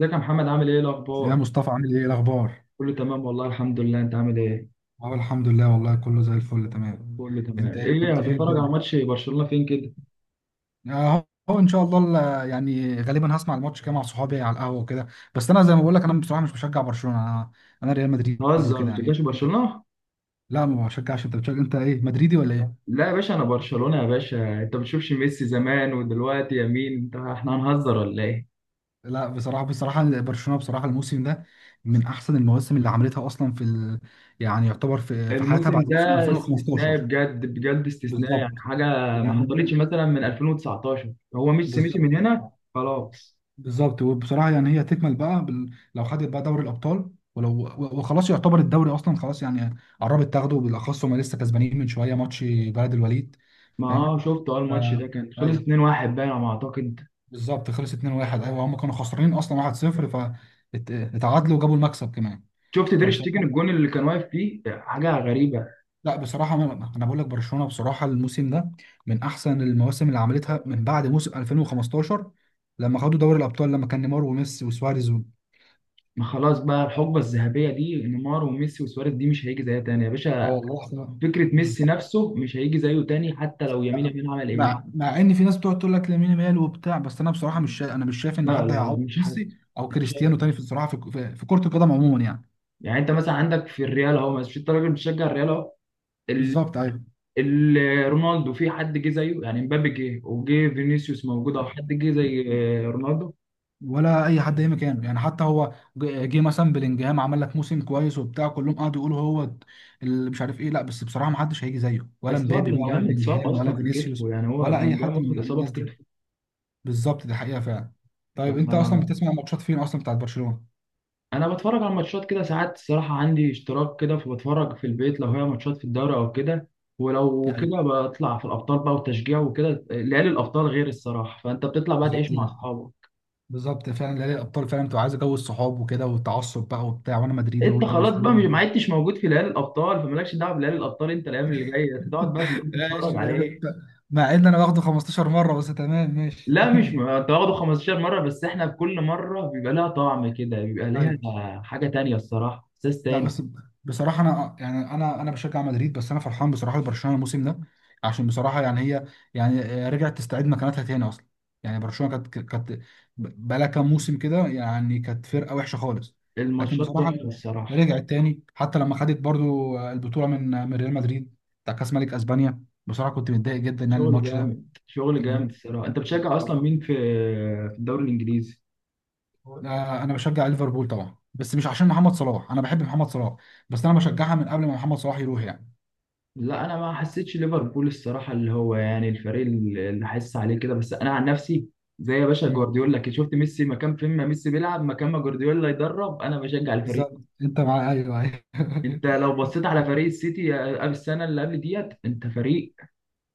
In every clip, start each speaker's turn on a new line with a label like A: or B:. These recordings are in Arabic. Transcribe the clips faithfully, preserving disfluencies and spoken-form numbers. A: ازيك يا محمد؟ عامل ايه
B: يا
A: الاخبار؟
B: مصطفى، عامل ايه؟ إيه الاخبار؟
A: كله تمام والله الحمد لله. انت عامل ايه؟
B: اه، الحمد لله والله كله زي الفل تمام.
A: كله
B: انت
A: تمام.
B: ايه
A: ايه
B: كنت فين
A: هتتفرج على
B: كده؟
A: ماتش برشلونة فين كده؟
B: اهو أهو ان شاء الله. ال- يعني غالبا هسمع الماتش كده مع صحابي على القهوه وكده. بس انا زي ما بقول لك، انا بصراحه مش بشجع برشلونه، انا. انا ريال مدريد
A: هزر ما
B: وكده يعني.
A: بتشجعش برشلونة؟
B: لا، ما بشجعش. انت بتشجع، انت ايه، مدريدي ولا ايه؟
A: لا يا باشا انا برشلونة يا باشا. انت ما بتشوفش ميسي زمان ودلوقتي؟ يا مين انت؟ احنا هنهزر ولا ايه؟
B: لا، بصراحه بصراحه برشلونه بصراحه الموسم ده من احسن المواسم اللي عملتها اصلا في ال... يعني يعتبر في في حياتها
A: الموسم
B: بعد موسم
A: ده استثنائي
B: ألفين وخمسة عشر.
A: بجد بجد، استثنائي
B: بالظبط،
A: يعني حاجة ما
B: يعني
A: حصلتش مثلا من ألفين وتسعتاشر، هو ميسي مشي
B: بالظبط
A: من هنا خلاص.
B: بالظبط. وبصراحه يعني هي تكمل بقى بال... لو خدت بقى دوري الابطال ولو و- وخلاص يعتبر الدوري اصلا خلاص يعني قربت تاخده، بالاخص هم لسه كسبانين من شويه ماتش بلد الوليد.
A: ما
B: فاهم.
A: اه شفت اه
B: ف...
A: الماتش ده؟ كان خلص
B: ايوه
A: اتنين واحد باين على ما اعتقد.
B: بالظبط، خلص اتنين واحد. ايوه، هم كانوا خسرانين اصلا واحد صفر فاتعادلوا وجابوا المكسب كمان.
A: شفت تير شتيجن
B: فبصراحه،
A: الجون اللي كان واقف فيه؟ حاجة غريبة.
B: لا بصراحه انا أنا بقول لك برشلونه بصراحه الموسم ده من احسن المواسم اللي عملتها من بعد موسم ألفين وخمستاشر لما خدوا دوري الابطال لما كان نيمار وميسي وسواريز.
A: ما خلاص بقى، الحقبه الذهبيه دي نيمار وميسي وسواريز دي مش هيجي زيها تاني يا
B: اه
A: باشا.
B: والله احنا
A: فكره ميسي
B: بالظبط.
A: نفسه مش هيجي زيه تاني، حتى لو يمين يمين عمل ايه.
B: مع مع ان في ناس بتقعد تقول لك لامين يامال وبتاع، بس انا بصراحه مش شا... انا مش شايف ان
A: لا
B: حد
A: لا لا
B: هيعوض
A: مش حد،
B: ميسي او
A: مش حد.
B: كريستيانو تاني في الصراحه، في, في في كره القدم عموما يعني.
A: يعني انت مثلا عندك في الريال، اهو مش انت راجل بتشجع الريال اهو؟ ال...
B: بالظبط ايوه.
A: ال... رونالدو في حد جه زيه يعني؟ مبابي جه، وجه فينيسيوس موجود، او حد جه زي آه، رونالدو؟
B: ولا اي حد اي مكانه يعني، حتى هو ج- جه مثلا بلينجهام عمل لك موسم كويس وبتاع، كلهم قعدوا يقولوا هو اللي مش عارف ايه. لا بس بصراحه ما حدش هيجي زيه، ولا
A: بس هو
B: مبابي بقى ولا
A: بلينجهام اتصاب
B: بلينجهام ولا
A: اصلا في كتفه،
B: فينيسيوس
A: يعني هو
B: ولا اي
A: بلينجهام
B: حد
A: واخد
B: من
A: اصابه في
B: الناس دي. بالظبط، دي حقيقه فعلا. طيب انت اصلا
A: كتفه.
B: بتسمع ماتشات فين اصلا بتاعت برشلونه؟
A: انا بتفرج على ماتشات كده ساعات الصراحه، عندي اشتراك كده فبتفرج في البيت لو هي ماتشات في الدوري او كده، ولو
B: يعني
A: كده بطلع في الابطال بقى وتشجيع وكده. ليالي الابطال غير الصراحه، فانت بتطلع بقى
B: بالظبط
A: تعيش مع اصحابك.
B: بالظبط فعلا، نهائي الابطال فعلا بتبقى عايز جو الصحاب وكده والتعصب بقى وبتاع، وانا مدريدي
A: انت
B: وانت
A: خلاص بقى مش- ما
B: برشلوني.
A: عدتش موجود في ليالي الابطال، فمالكش دعوه بليالي الابطال. انت الايام اللي جايه تقعد بقى في البيت تتفرج
B: ماشي.
A: عليه.
B: مع ان انا واخده خمسة عشر مره بس، تمام ماشي.
A: لا مش م- انت واخده خمسة عشر مره بس احنا كل مره بيبقى لها طعم كده، بيبقى ليها
B: ايوه.
A: حاجه تانية الصراحه، احساس
B: لا
A: تاني.
B: بس، بصراحة أنا يعني أنا أنا بشجع مدريد بس أنا فرحان بصراحة لبرشلونة الموسم ده عشان بصراحة يعني هي يعني رجعت تستعيد مكانتها تاني أصلا يعني برشلونة كانت كانت بقالها كام موسم كده يعني كانت فرقة وحشة خالص لكن
A: الماتشات
B: بصراحة
A: تحفه الصراحه،
B: رجعت تاني حتى لما خدت برضو البطولة من من ريال مدريد بتاع كأس ملك أسبانيا بصراحة كنت متضايق جدا يعني
A: شغل
B: الماتش ده
A: جامد
B: أنت
A: شغل
B: فاهم؟
A: جامد الصراحه. انت بتشجع
B: بالظبط.
A: اصلا مين في في الدوري الانجليزي؟
B: آه، أنا بشجع ليفربول طبعا بس مش عشان محمد صلاح أنا بحب محمد صلاح بس أنا بشجعها من قبل ما محمد صلاح يروح يعني
A: لا انا ما حسيتش ليفربول الصراحه اللي هو يعني الفريق اللي اللي حاسس عليه كده، بس انا عن نفسي زي يا باشا جوارديولا كده، شفت ميسي مكان فين؟ ما ميسي بيلعب مكان ما جوارديولا يدرب، انا بشجع الفريق.
B: بالظبط انت مع ايوه ايوه
A: انت لو بصيت على فريق السيتي قبل السنه اللي قبل ديت، انت فريق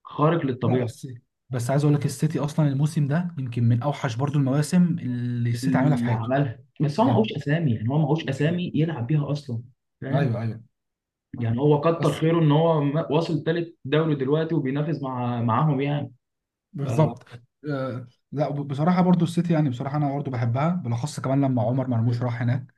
A: خارق
B: لا
A: للطبيعه
B: بس بس عايز اقول لك، السيتي اصلا الموسم ده يمكن من اوحش برضو المواسم اللي السيتي عاملها في
A: اللي
B: حياته.
A: عملها. بس هو معهوش
B: بجد.
A: اسامي، يعني هو معهوش اسامي يلعب بيها اصلا، فاهم؟
B: ايوه ايوه.
A: يعني هو كتر
B: بس
A: خيره ان هو م- واصل تالت دوري دلوقتي وبينافس مع معاهم يعني. ف-
B: بالظبط. آه لا وب- بصراحه برضو السيتي يعني بصراحه انا برضو بحبها، بالاخص كمان لما عمر مرموش راح هناك.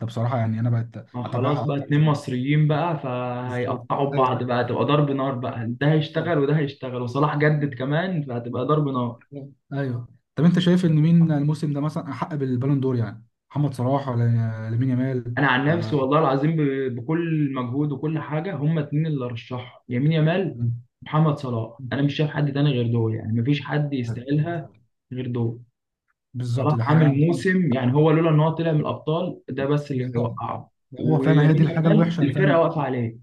B: ده بصراحه يعني انا بقت
A: ما خلاص
B: اتابعها
A: بقى،
B: اكتر.
A: اتنين مصريين بقى
B: بالظبط
A: فهيقطعوا بعض
B: ايوه.
A: بقى، هتبقى ضرب نار بقى،
B: ايوه
A: ده
B: بالظبط.
A: هيشتغل وده هيشتغل، وصلاح جدد كمان، فهتبقى ضرب نار.
B: ايوه، طب انت شايف ان مين الموسم ده مثلا احق بالبالون دور يعني، محمد صلاح ولا لامين يامال
A: انا عن نفسي
B: ولا
A: والله العظيم ب- بكل مجهود وكل حاجه، هما اتنين اللي رشحهم، يمين يامال،
B: مم؟
A: محمد صلاح. انا مش شايف حد تاني غير دول، يعني مفيش حد يستاهلها غير دول.
B: بالظبط،
A: صلاح
B: ده حقيقة.
A: عامل موسم، يعني هو لولا ان هو طلع من الابطال ده بس اللي
B: بالظبط،
A: هيوقعه.
B: هو فعلا هي دي
A: ويمين
B: الحاجة
A: يامال
B: الوحشة اللي
A: الفرقه
B: فعلا.
A: واقفه عليه.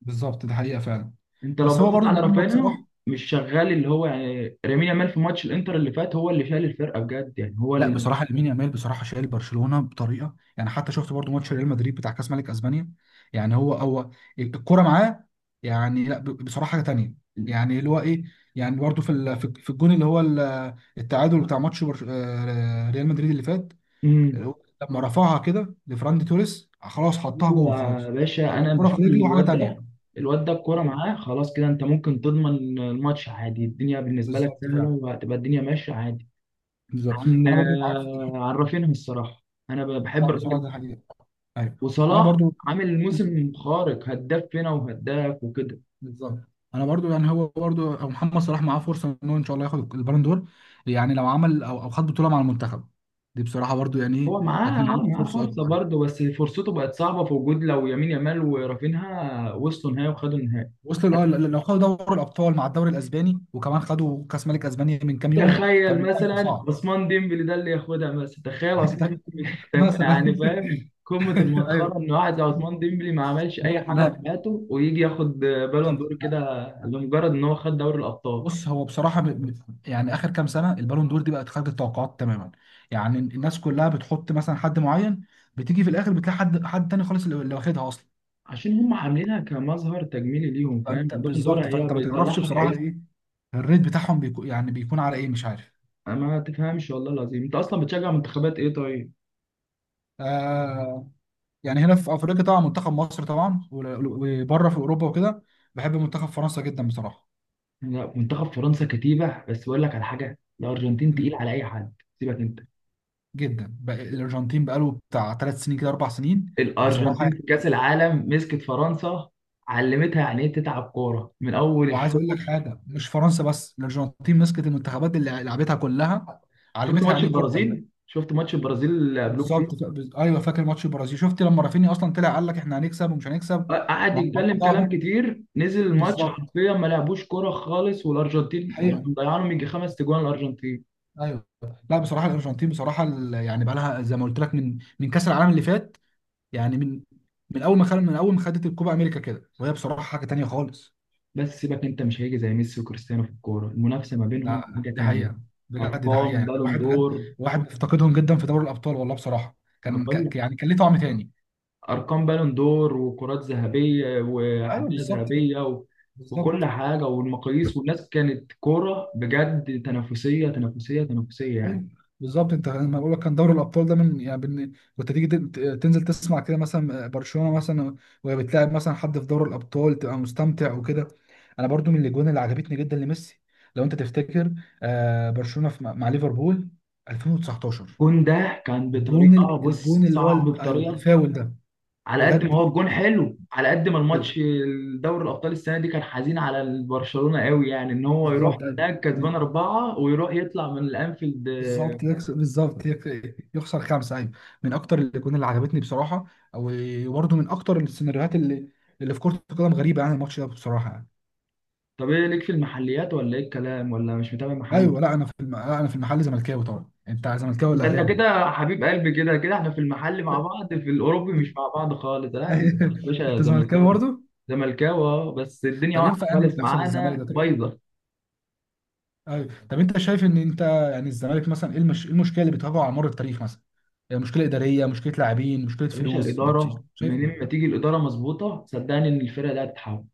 B: بالظبط، ده حقيقة فعلا.
A: انت لو
B: بس هو
A: بصيت
B: برضه
A: على
B: محمد
A: رافينيا
B: صلاح.
A: مش شغال، اللي هو يعني لامين يامال في ماتش الانتر اللي فات هو اللي شال الفرقه بجد، يعني هو
B: لا
A: اللي
B: بصراحة، لامين يامال بصراحة شايل برشلونة بطريقة يعني، حتى شفت برضه ماتش ريال مدريد بتاع كأس ملك أسبانيا. يعني هو هو الكورة معاه يعني. لا ب- بصراحة حاجة تانية يعني، اللي هو ايه، يعني برضه في ال- في في الجون اللي هو ال- التعادل بتاع ماتش برش- آه، ريال مدريد اللي فات، اللي
A: امم
B: هو لما رفعها كده لفراندي توريس، آه، خلاص حطها جول
A: يا
B: خلاص.
A: باشا، انا
B: الكرة
A: بشوف
B: في
A: ان
B: رجله وحاجة
A: الواد
B: تانية.
A: ده، الواد ده الكوره
B: ايوه
A: معاه خلاص كده، انت ممكن تضمن الماتش عادي، الدنيا بالنسبه لك
B: بالظبط
A: سهله،
B: فعلا.
A: وهتبقى الدنيا ماشيه عادي.
B: بالظبط.
A: عن
B: انا برضو معاك في الحتة
A: عن
B: دي.
A: رافينيا الصراحه، انا
B: لا،
A: بحب
B: بصراحة
A: الراجل.
B: ده حقيقة. ايوه، انا
A: وصلاح
B: برضو
A: عامل موسم خارق، هداف فينا وهداف وكده.
B: بالظبط، انا برضو يعني هو برضو أو محمد صلاح معاه فرصه انه ان شاء الله ياخد البالون دور، يعني لو عمل او او خد بطوله مع المنتخب. دي بصراحه برضو يعني ايه،
A: هو معاه
B: هتكون
A: اه
B: عنده
A: معاه
B: فرصه
A: فرصه
B: اكبر يعني.
A: برضه، بس فرصته بقت صعبه في وجود لو يمين يامال ورافينها وصلوا نهائي وخدوا النهائي.
B: وصلوا لو لو خدوا دوري الابطال مع الدوري الاسباني وكمان خدوا كاس ملك اسبانيا من كام يوم،
A: تخيل
B: فالموضوع هيبقى
A: مثلا
B: صعب.
A: عثمان ديمبلي ده اللي ياخدها مثلا، تخيل عثمان
B: ده
A: ديمبلي تبقى
B: مثلا.
A: يعني فاهم قمة المسخرة
B: ايوه.
A: إن واحد زي عثمان ديمبلي ما عملش
B: ما
A: أي
B: أنا-
A: حاجة في
B: ما
A: حياته ويجي ياخد بالون
B: بالظبط.
A: دور كده لمجرد إن هو خد دوري الأبطال.
B: بص، هو بصراحه ب- ب- يعني اخر كام سنه البالون دور دي بقت خارج التوقعات تماما. يعني الناس كلها بتحط مثلا حد معين، بتيجي في الاخر بتلاقي حد حد تاني خالص اللي اللي واخدها اصلا.
A: عشان هم عاملينها كمظهر تجميلي ليهم، فاهم؟
B: فانت
A: البالون دور
B: بالظبط،
A: هي
B: فانت ما تعرفش
A: بيطلعها.
B: بصراحه ايه الريت بتاعهم بيكون يعني بيكون على ايه، مش عارف.
A: انا ما تفهمش والله العظيم، انت اصلا بتشجع منتخبات ايه طيب؟
B: آه، يعني هنا في افريقيا طبعا منتخب مصر طبعا ول- وبره في اوروبا وكده، بحب منتخب فرنسا جدا بصراحه.
A: يعني لا منتخب فرنسا كتيبه، بس بقول لك على حاجه، الارجنتين
B: مم.
A: تقيل على اي حد سيبك انت.
B: جدا بقى- الارجنتين بقاله بتاع ثلاث سنين كده اربع سنين. بصراحه،
A: الارجنتين في كاس العالم مسكت فرنسا، علمتها يعني ايه تتعب كوره من اول
B: وعايز اقول لك
A: الشوط.
B: حاجه، مش فرنسا بس، الارجنتين مسكت المنتخبات اللي لعبتها كلها،
A: شفت
B: علمتها
A: ماتش
B: يعني ايه كوره تانيه.
A: البرازيل؟ شفت ماتش البرازيل اللي قبلوك فيه؟
B: بالظبط ف- ايوه، فاكر ماتش البرازيل، شفت لما رافينيا اصلا طلع قال لك احنا هنكسب ومش هنكسب
A: قعد يتكلم كلام
B: وهنقطعهم.
A: كتير، نزل الماتش
B: بالظبط
A: حرفيا ما لعبوش كوره خالص، والارجنتين يعني
B: حقيقه
A: مضيعانهم يجي خمس تجوان الارجنتين.
B: ايوه. لا بصراحه الارجنتين بصراحه ال- يعني بقى لها زي ما قلت لك من من كاس العالم اللي فات، يعني من من اول ما خل... من اول ما خدت الكوبا امريكا كده، وهي بصراحه حاجه تانيه خالص.
A: بس سيبك انت، مش هيجي زي ميسي وكريستيانو في الكوره، المنافسه ما بينهم
B: لا،
A: حاجه
B: دي
A: تانية.
B: حقيقة. بجد دي حقيقة،
A: ارقام
B: يعني
A: بالون
B: الواحد بجد
A: دور،
B: الواحد بيفتقدهم جدا في دوري الأبطال والله بصراحة.
A: انا
B: كان
A: بقول لك،
B: ك... يعني كان ليه طعم تاني.
A: ارقام بالون دور وكرات ذهبيه
B: ايوه
A: وحذاء
B: بالظبط كده.
A: ذهبيه و... وكل
B: بالظبط
A: حاجه والمقاييس. والناس كانت كوره بجد، تنافسيه تنافسيه تنافسيه يعني.
B: ايوه بالظبط. انت لما بقول لك كان دوري الابطال ده من يعني بن... كنت تيجي تن- تنزل تسمع كده مثلا برشلونه مثلا، وهي بتلاعب مثلا حد في دوري الابطال، تبقى مستمتع وكده. انا برضو من الاجوان اللي عجبتني جدا لميسي، لو انت تفتكر، آه برشلونه في... مع مع ليفربول ألفين وتسعتاشر،
A: كون ده كان
B: الجون
A: بطريقه،
B: ال-
A: بص،
B: الجون اللي هو
A: صعب
B: ال- ايوه
A: بطريقه.
B: الفاول ده.
A: على قد
B: بجد.
A: ما هو الجون حلو، على قد ما الماتش.
B: أيوه.
A: دوري الابطال السنه دي كان حزين على برشلونه قوي، يعني ان هو يروح
B: بالظبط ايوه.
A: هناك كسبان
B: من
A: اربعه ويروح يطلع من الانفيلد آه.
B: بالظبط يكسب بالظبط يك- يخسر خمسه ايوه. من اكتر الاجوان اللي عجبتني بصراحه، وبرده من اكتر السيناريوهات اللي اللي في كره القدم غريبه يعني، الماتش ده بصراحه يعني.
A: طب ايه ليك في المحليات ولا ايه الكلام؟ ولا مش متابع محلي؟
B: ايوه لا انا في الم... لا انا في المحل زملكاوي طبعا، انت زملكاوي ولا
A: ده انت
B: اهلاوي؟
A: كده حبيب قلبي كده كده، احنا في المحل مع بعض، في الاوروبي مش مع بعض خالص. لا في المحل يا باشا
B: انت زملكاوي
A: زملكاوي،
B: برضه؟
A: زملكاوي آه، بس الدنيا
B: طب
A: واقعه
B: ينفع يعني اللي
A: خالص
B: بيحصل للزمالك
A: معانا
B: ده طيب؟
A: بايظه.
B: ايوه، طب انت شايف ان انت يعني الزمالك مثلا ايه المش... إيه المشكله اللي بتواجهه على مر التاريخ مثلا؟ يعني مشكله اداريه، مشكله لاعبين، مشكله
A: يا باشا
B: فلوس، بت...
A: الاداره،
B: شايف
A: منين ما
B: ايه؟
A: تيجي الاداره مظبوطه، صدقني ان الفرقه دي هتتحول.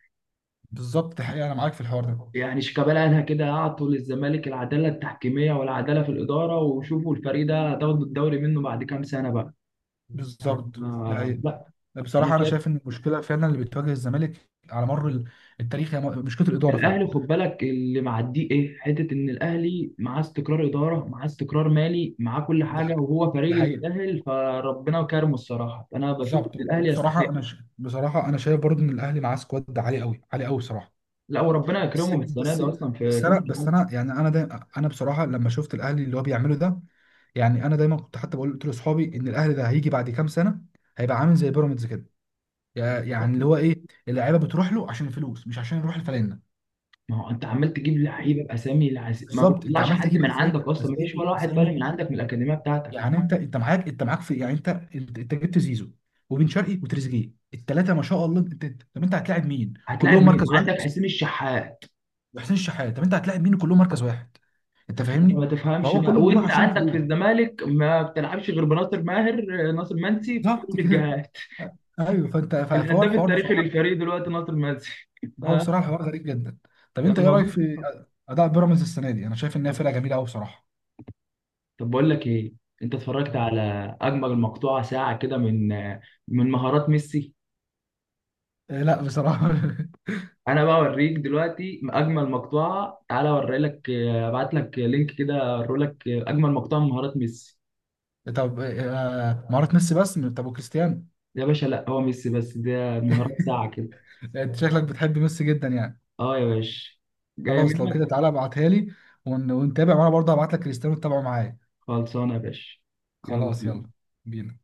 B: بالظبط، حقيقة أنا معاك في الحوار ده.
A: يعني شيكابالا قالها كده، اعطوا للزمالك العداله التحكيميه والعداله في الاداره، وشوفوا الفريق ده هتاخدوا الدوري منه بعد كام سنه بقى.
B: بالظبط. ده
A: آه،
B: هي
A: لا انا
B: بصراحه انا
A: شايف
B: شايف ان المشكله فعلا اللي بتواجه الزمالك على مر ال- التاريخ هي م- مشكله الاداره فعلا.
A: الاهلي، خد بالك اللي معديه ايه حته، ان الاهلي معاه استقرار اداره، معاه استقرار مالي، معاه كل حاجه،
B: ده
A: وهو
B: ده
A: فريق
B: حقيقي.
A: يستاهل، فربنا كرمه الصراحه. انا بشوف ان
B: بالظبط،
A: الاهلي
B: وبصراحه
A: يستحق.
B: انا ش... بصراحه انا شايف برضو ان الاهلي معاه سكواد عالي قوي عالي قوي بصراحه.
A: لا وربنا
B: بس
A: يكرمه بالسنه دي
B: بس
A: اصلا في
B: بس
A: كاس
B: انا بس
A: العالم.
B: انا يعني انا دايما انا بصراحه لما شفت الاهلي اللي هو بيعمله ده، يعني انا دايما كنت حتى بقول، قلت لاصحابي ان الاهلي ده هيجي بعد كام سنه هيبقى عامل زي بيراميدز كده، يع- يعني اللي هو ايه، اللعيبه بتروح له عشان الفلوس مش عشان يروح الفلانه.
A: ما هو انت عمال تجيب لعيبه باسامي العز... ما
B: بالظبط، انت
A: بتطلعش
B: عمال
A: حد
B: تجيب
A: من
B: اسامي
A: عندك اصلا، ما فيش ولا
B: اسامي
A: واحد طالع
B: اسامي.
A: من عندك من الاكاديميه بتاعتك.
B: يعني انت انت معاك انت معاك في يعني انت انت انت جبت زيزو وبن شرقي وتريزيجيه الثلاثه ما شاء الله. انت انت- طب انت هتلاعب مين؟
A: هتلاعب
B: كلهم
A: مين؟
B: مركز واحد.
A: وعندك حسين الشحات.
B: وحسين الشحات، طب انت هتلاعب مين كلهم مركز واحد؟ انت
A: فأنت
B: فاهمني؟
A: ما تفهمش
B: فهو
A: بقى،
B: كله بيروح
A: وانت
B: عشان
A: عندك في
B: الفلوس،
A: الزمالك ما بتلعبش غير بناصر ماهر آه، ناصر منسي في كل
B: بالظبط كده.
A: الجهات.
B: ايوه فانت ف- فهو
A: الهداف
B: الحوار
A: التاريخي
B: بصراحه،
A: للفريق دلوقتي ناصر منسي.
B: هو بصراحه الحوار غريب جدا. طب انت ايه رايك
A: فالموضوع
B: في
A: صعب.
B: اداء بيراميدز السنه دي؟ انا شايف انها فرقه جميله قوي بصراحه.
A: طب بقول لك ايه، انت اتفرجت على اجمل مقطوعه ساعه كده من آه، من مهارات ميسي؟
B: آه، لا بصراحه.
A: انا بقى اوريك دلوقتي اجمل مقطوعه، تعالى اوري لك آه، ابعت لك لينك كده اوري لك آه، اجمل مقطوعه من مهارات ميسي.
B: طب آه، مهارات ميسي بس، طب وكريستيانو؟
A: يا باشا لا هو ميسي بس، ده مهارات ساعه كده.
B: انت شكلك بتحب ميسي جدا يعني.
A: اه يا باشا، جاية
B: خلاص لو
A: منك.
B: كده تعالى ابعتها لي ون... ونتابع، وانا برضه هبعت لك كريستيانو تتابعه معايا.
A: خلصانة يا باشا، يلا
B: خلاص يلا
A: بينا.
B: بينا.